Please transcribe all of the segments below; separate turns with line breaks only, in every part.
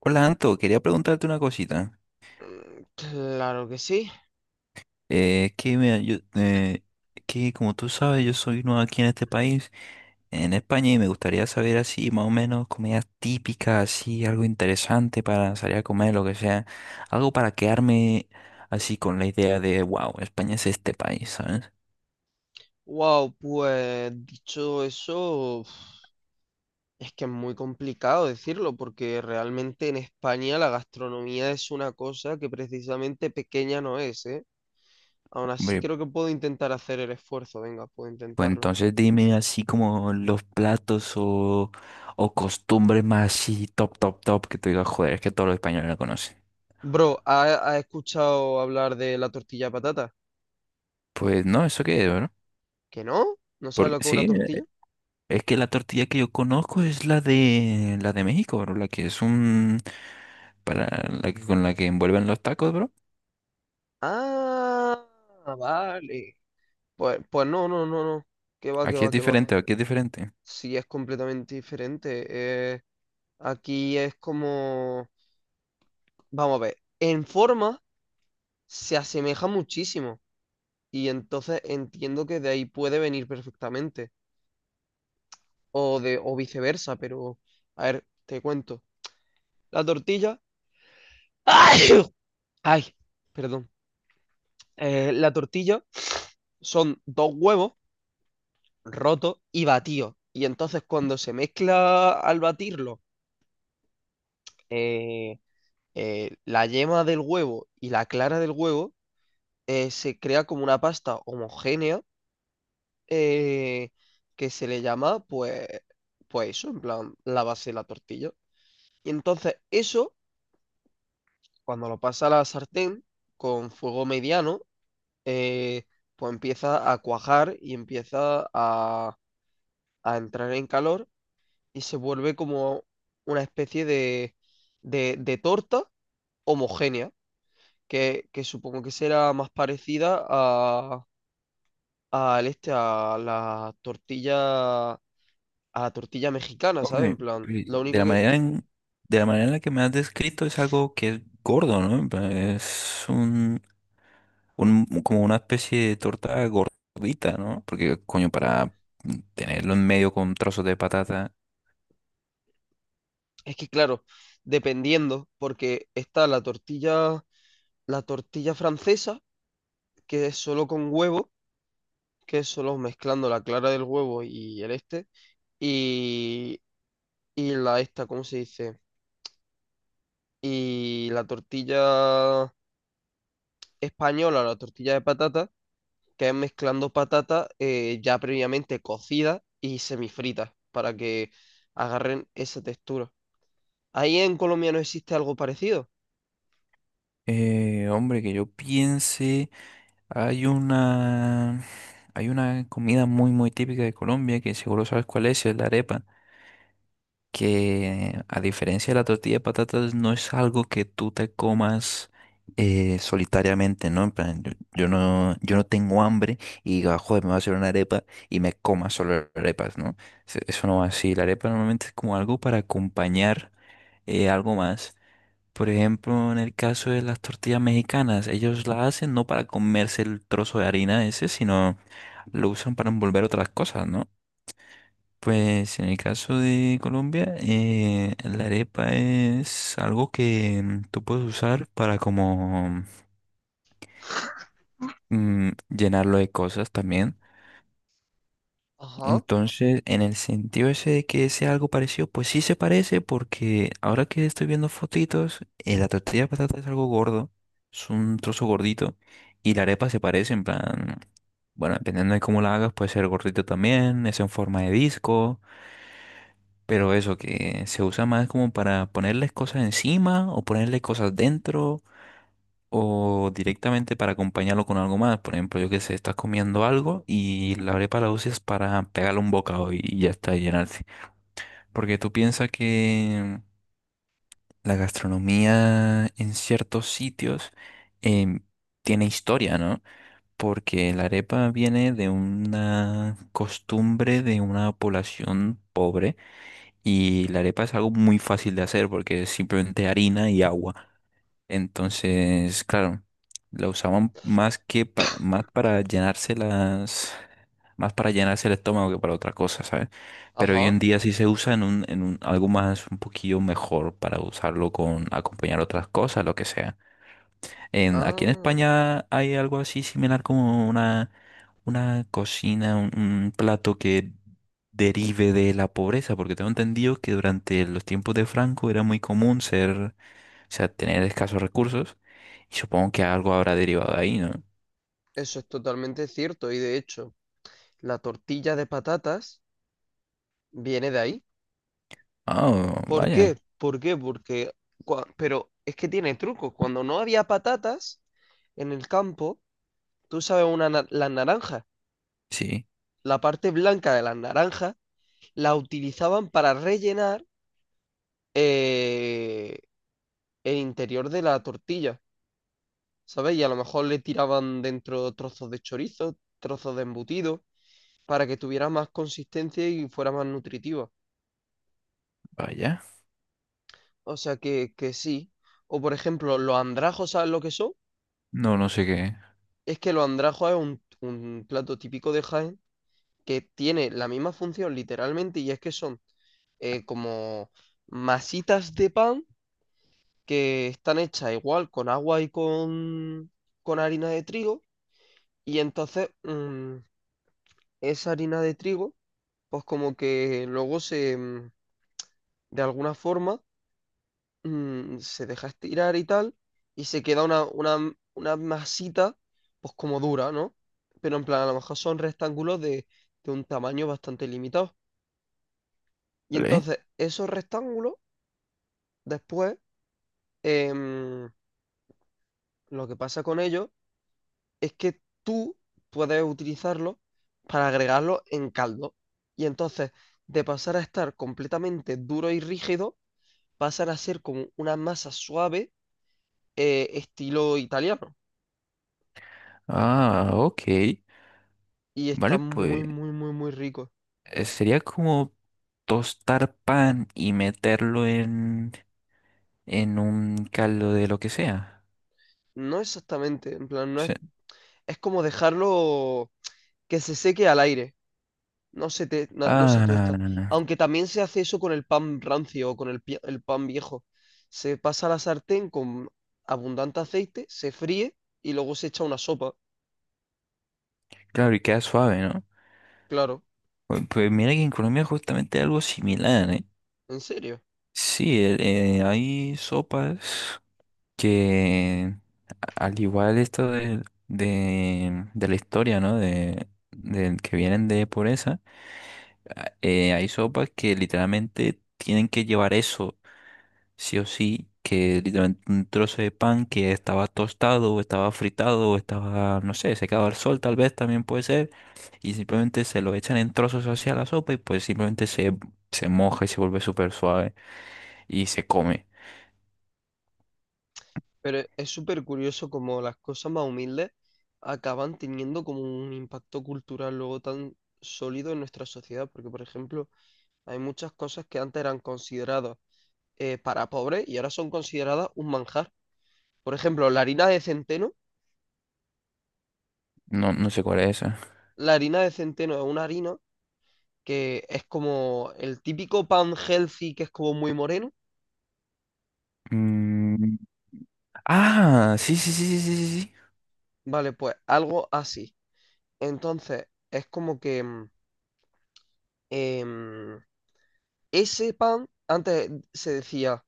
Hola Anto, quería preguntarte una cosita.
Mm, claro que sí.
Es que mira, yo, que como tú sabes, yo soy nuevo aquí en este país, en España, y me gustaría saber así, más o menos, comidas típicas, así, algo interesante para salir a comer, lo que sea. Algo para quedarme así con la idea de, wow, España es este país, ¿sabes?
Wow, pues dicho eso, uf, es que es muy complicado decirlo porque realmente en España la gastronomía es una cosa que precisamente pequeña no es, ¿eh? Aún así
Hombre,
creo que puedo intentar hacer el esfuerzo, venga, puedo
pues
intentarlo.
entonces dime así como los platos o costumbres más así, top, top, top, que tú digas, joder, es que todos los españoles la conocen.
Bro, ¿has escuchado hablar de la tortilla de patata?
Pues no, ¿eso qué es?
¿Que no? ¿No sabes
Porque
lo que es una
sí,
tortilla?
es que la tortilla que yo conozco es la de México, bro, la que es un para la que con la que envuelven los tacos, bro.
Ah, vale. Pues, pues no. Que va, que
Aquí es
va, que va.
diferente, aquí es diferente.
Sí, es completamente diferente. Aquí es como, vamos a ver, en forma se asemeja muchísimo y entonces entiendo que de ahí puede venir perfectamente o de o viceversa, pero a ver, te cuento. La tortilla, ¡ay! Ay, perdón. La tortilla son dos huevos rotos y batidos y entonces cuando se mezcla al batirlo eh, la yema del huevo y la clara del huevo, se crea como una pasta homogénea, eh, que se le llama, pues, pues eso, en plan, la base de la tortilla. Y entonces eso, cuando lo pasa a la sartén con fuego mediano, eh, pues empieza a cuajar y empieza a entrar en calor y se vuelve como una especie de torta homogénea, que supongo que será más parecida a, al este, a la tortilla mexicana, ¿sabes?
Hombre,
En plan,
pues,
lo único que-
de la manera en la que me has descrito es algo que es gordo, ¿no? En plan, es un- como una especie de torta gordita, ¿no? Porque coño, para tenerlo en medio con trozos de patata,
es que, claro, dependiendo, porque está la tortilla francesa, que es solo con huevo, que es solo mezclando la clara del huevo y el este, y, y la esta, ¿cómo se dice? Y la tortilla española, la tortilla de patata, que es mezclando patata, ya previamente cocida y semifrita, para que agarren esa textura. Ahí en Colombia no existe algo parecido.
hombre, que yo piense. Hay una, Hay una comida muy, muy típica de Colombia que seguro sabes cuál es la arepa, que a diferencia de la tortilla de patatas no es algo que tú te comas solitariamente, ¿no? En plan, yo no tengo hambre y diga, joder, me voy a hacer una arepa y me coma solo arepas, ¿no? Se- eso no va así. La arepa normalmente es como algo para acompañar algo más. Por ejemplo, en el caso de las tortillas mexicanas, ellos la hacen no para comerse el trozo de harina ese, sino lo usan para envolver otras cosas, ¿no? Pues en el caso de Colombia, la arepa es algo que tú puedes usar para como llenarlo de cosas también.
Ajá,
Entonces, en el sentido ese de que sea algo parecido, pues sí se parece porque ahora que estoy viendo fotitos, la tortilla de patata es algo gordo, es un trozo gordito y la arepa se parece en plan, bueno, dependiendo de cómo la hagas, puede ser gordito también, es en forma de disco, pero eso que se usa más como para ponerles cosas encima o ponerle cosas dentro o directamente para acompañarlo con algo más. Por ejemplo, yo que sé, estás comiendo algo y la arepa la usas para pegarle un bocado y ya está, y llenarse. Porque tú piensas que la gastronomía en ciertos sitios em, tiene historia, ¿no? Porque la arepa viene de una costumbre de una población pobre y la arepa es algo muy fácil de hacer porque es simplemente harina y agua. Entonces, claro, la usaban más que para, más para llenarse las, más para llenarse el estómago que para otra cosa, ¿sabes? Pero hoy
ajá.
en día sí se usa en un- algo más, un poquillo mejor para usarlo con acompañar otras cosas, lo que sea. En, aquí en
Ah,
España hay algo así similar como una cocina, un plato que derive de la pobreza, porque tengo entendido que durante los tiempos de Franco era muy común ser sea, tener escasos recursos, y supongo que algo habrá derivado de ahí, ¿no?
eso es totalmente cierto. Y de hecho, la tortilla de patatas viene de ahí.
Ah,
¿Por
vaya,
qué? ¿Por qué? Porque... Pero es que tiene truco. Cuando no había patatas en el campo, tú sabes, las naranjas,
sí,
la parte blanca de las naranjas, la utilizaban para rellenar, eh, el interior de la tortilla, ¿sabes? Y a lo mejor le tiraban dentro trozos de chorizo, trozos de embutido, para que tuviera más consistencia y fuera más nutritiva.
vaya.
O sea que sí. O por ejemplo, los andrajos, ¿sabes lo que son?
No, no sé qué.
Es que los andrajos es un plato típico de Jaén que tiene la misma función literalmente y es que son, como masitas de pan que están hechas igual con agua y con harina de trigo y entonces, mm, esa harina de trigo pues como que luego se, mm, de alguna forma, mm, se deja estirar y tal, y se queda una masita, pues como dura, ¿no? Pero en plan, a lo mejor son rectángulos de un tamaño bastante limitado. Y
¿Vale?
entonces, esos rectángulos, después, em, lo que pasa con ellos es que tú puedes utilizarlos para agregarlos en caldo. Y entonces, de pasar a estar completamente duro y rígido, pasan a ser como una masa suave, estilo italiano.
Ah, ok.
Y está
Vale, pues
muy, muy, muy, muy rico.
sería como tostar pan y meterlo en un caldo de lo que sea.
No exactamente, en plan, no es,
O
es como dejarlo que se seque al aire, no, no se tuesta.
ah,
Aunque también se hace eso con el pan rancio o con el, el pan viejo. Se pasa a la sartén con abundante aceite, se fríe y luego se echa una sopa,
claro, y queda suave, ¿no?
claro,
Pues, pues mira que en Colombia justamente algo similar, ¿eh?
en serio.
Sí, el- hay sopas que a- al igual esto de, de la historia, ¿no? De, del que vienen de pobreza, a- hay sopas que literalmente tienen que llevar eso, sí o sí, que literalmente un trozo de pan que estaba tostado o estaba fritado o estaba, no sé, secado al sol tal vez también puede ser, y simplemente se lo echan en trozos hacia la sopa y pues simplemente se, se moja y se vuelve súper suave y se come.
Pero es súper curioso como las cosas más humildes acaban teniendo como un impacto cultural luego tan sólido en nuestra sociedad, porque por ejemplo... hay muchas cosas que antes eran consideradas, para pobres y ahora son consideradas un manjar. Por ejemplo, la harina de centeno.
No, no sé cuál es esa.
La harina de centeno es una harina que es como el típico pan healthy que es como muy moreno.
Ah, sí, sí, sí, sí, sí, sí.
Vale, pues algo así. Entonces, es como que, mm, em, ese pan, antes se decía,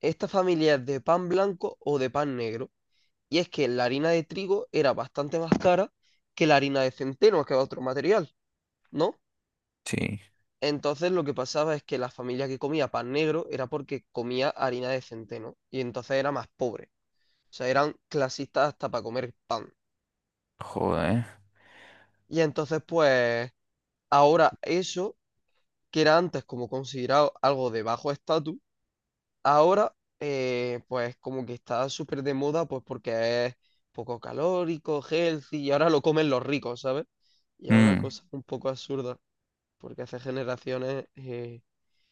esta familia es de pan blanco o de pan negro. Y es que la harina de trigo era bastante más cara que la harina de centeno, que es otro material, ¿no?
Sí, sí,
Entonces lo que pasaba es que la familia que comía pan negro era porque comía harina de centeno y entonces era más pobre. O sea, eran clasistas hasta para comer.
joder.
Y entonces pues ahora eso, que era antes como considerado algo de bajo estatus, ahora, pues como que está súper de moda pues porque es poco calórico, healthy y ahora lo comen los ricos, ¿sabes? Y es una
Mm,
cosa un poco absurda porque hace generaciones,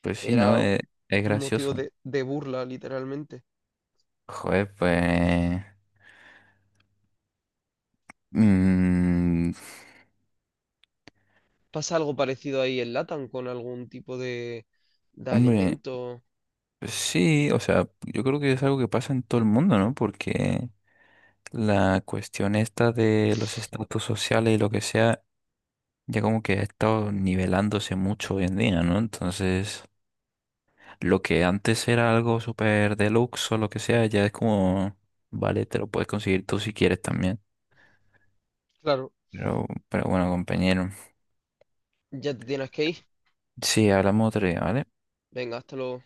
pues sí, ¿no?
era un
Es
motivo
gracioso.
de burla literalmente.
Joder, pues... mm,
¿Pasa algo parecido ahí en LATAM con algún tipo de
hombre,
alimento?
pues sí, o sea, yo creo que es algo que pasa en todo el mundo, ¿no? Porque la cuestión esta de los estatus sociales y lo que sea, ya como que ha estado nivelándose mucho hoy en día, ¿no? Entonces, lo que antes era algo súper deluxe o lo que sea, ya es como, vale, te lo puedes conseguir tú si quieres también.
Claro.
Pero bueno, compañero.
Ya te tienes que ir.
Sí, hablamos otro día, ¿vale?
Venga, hasta luego.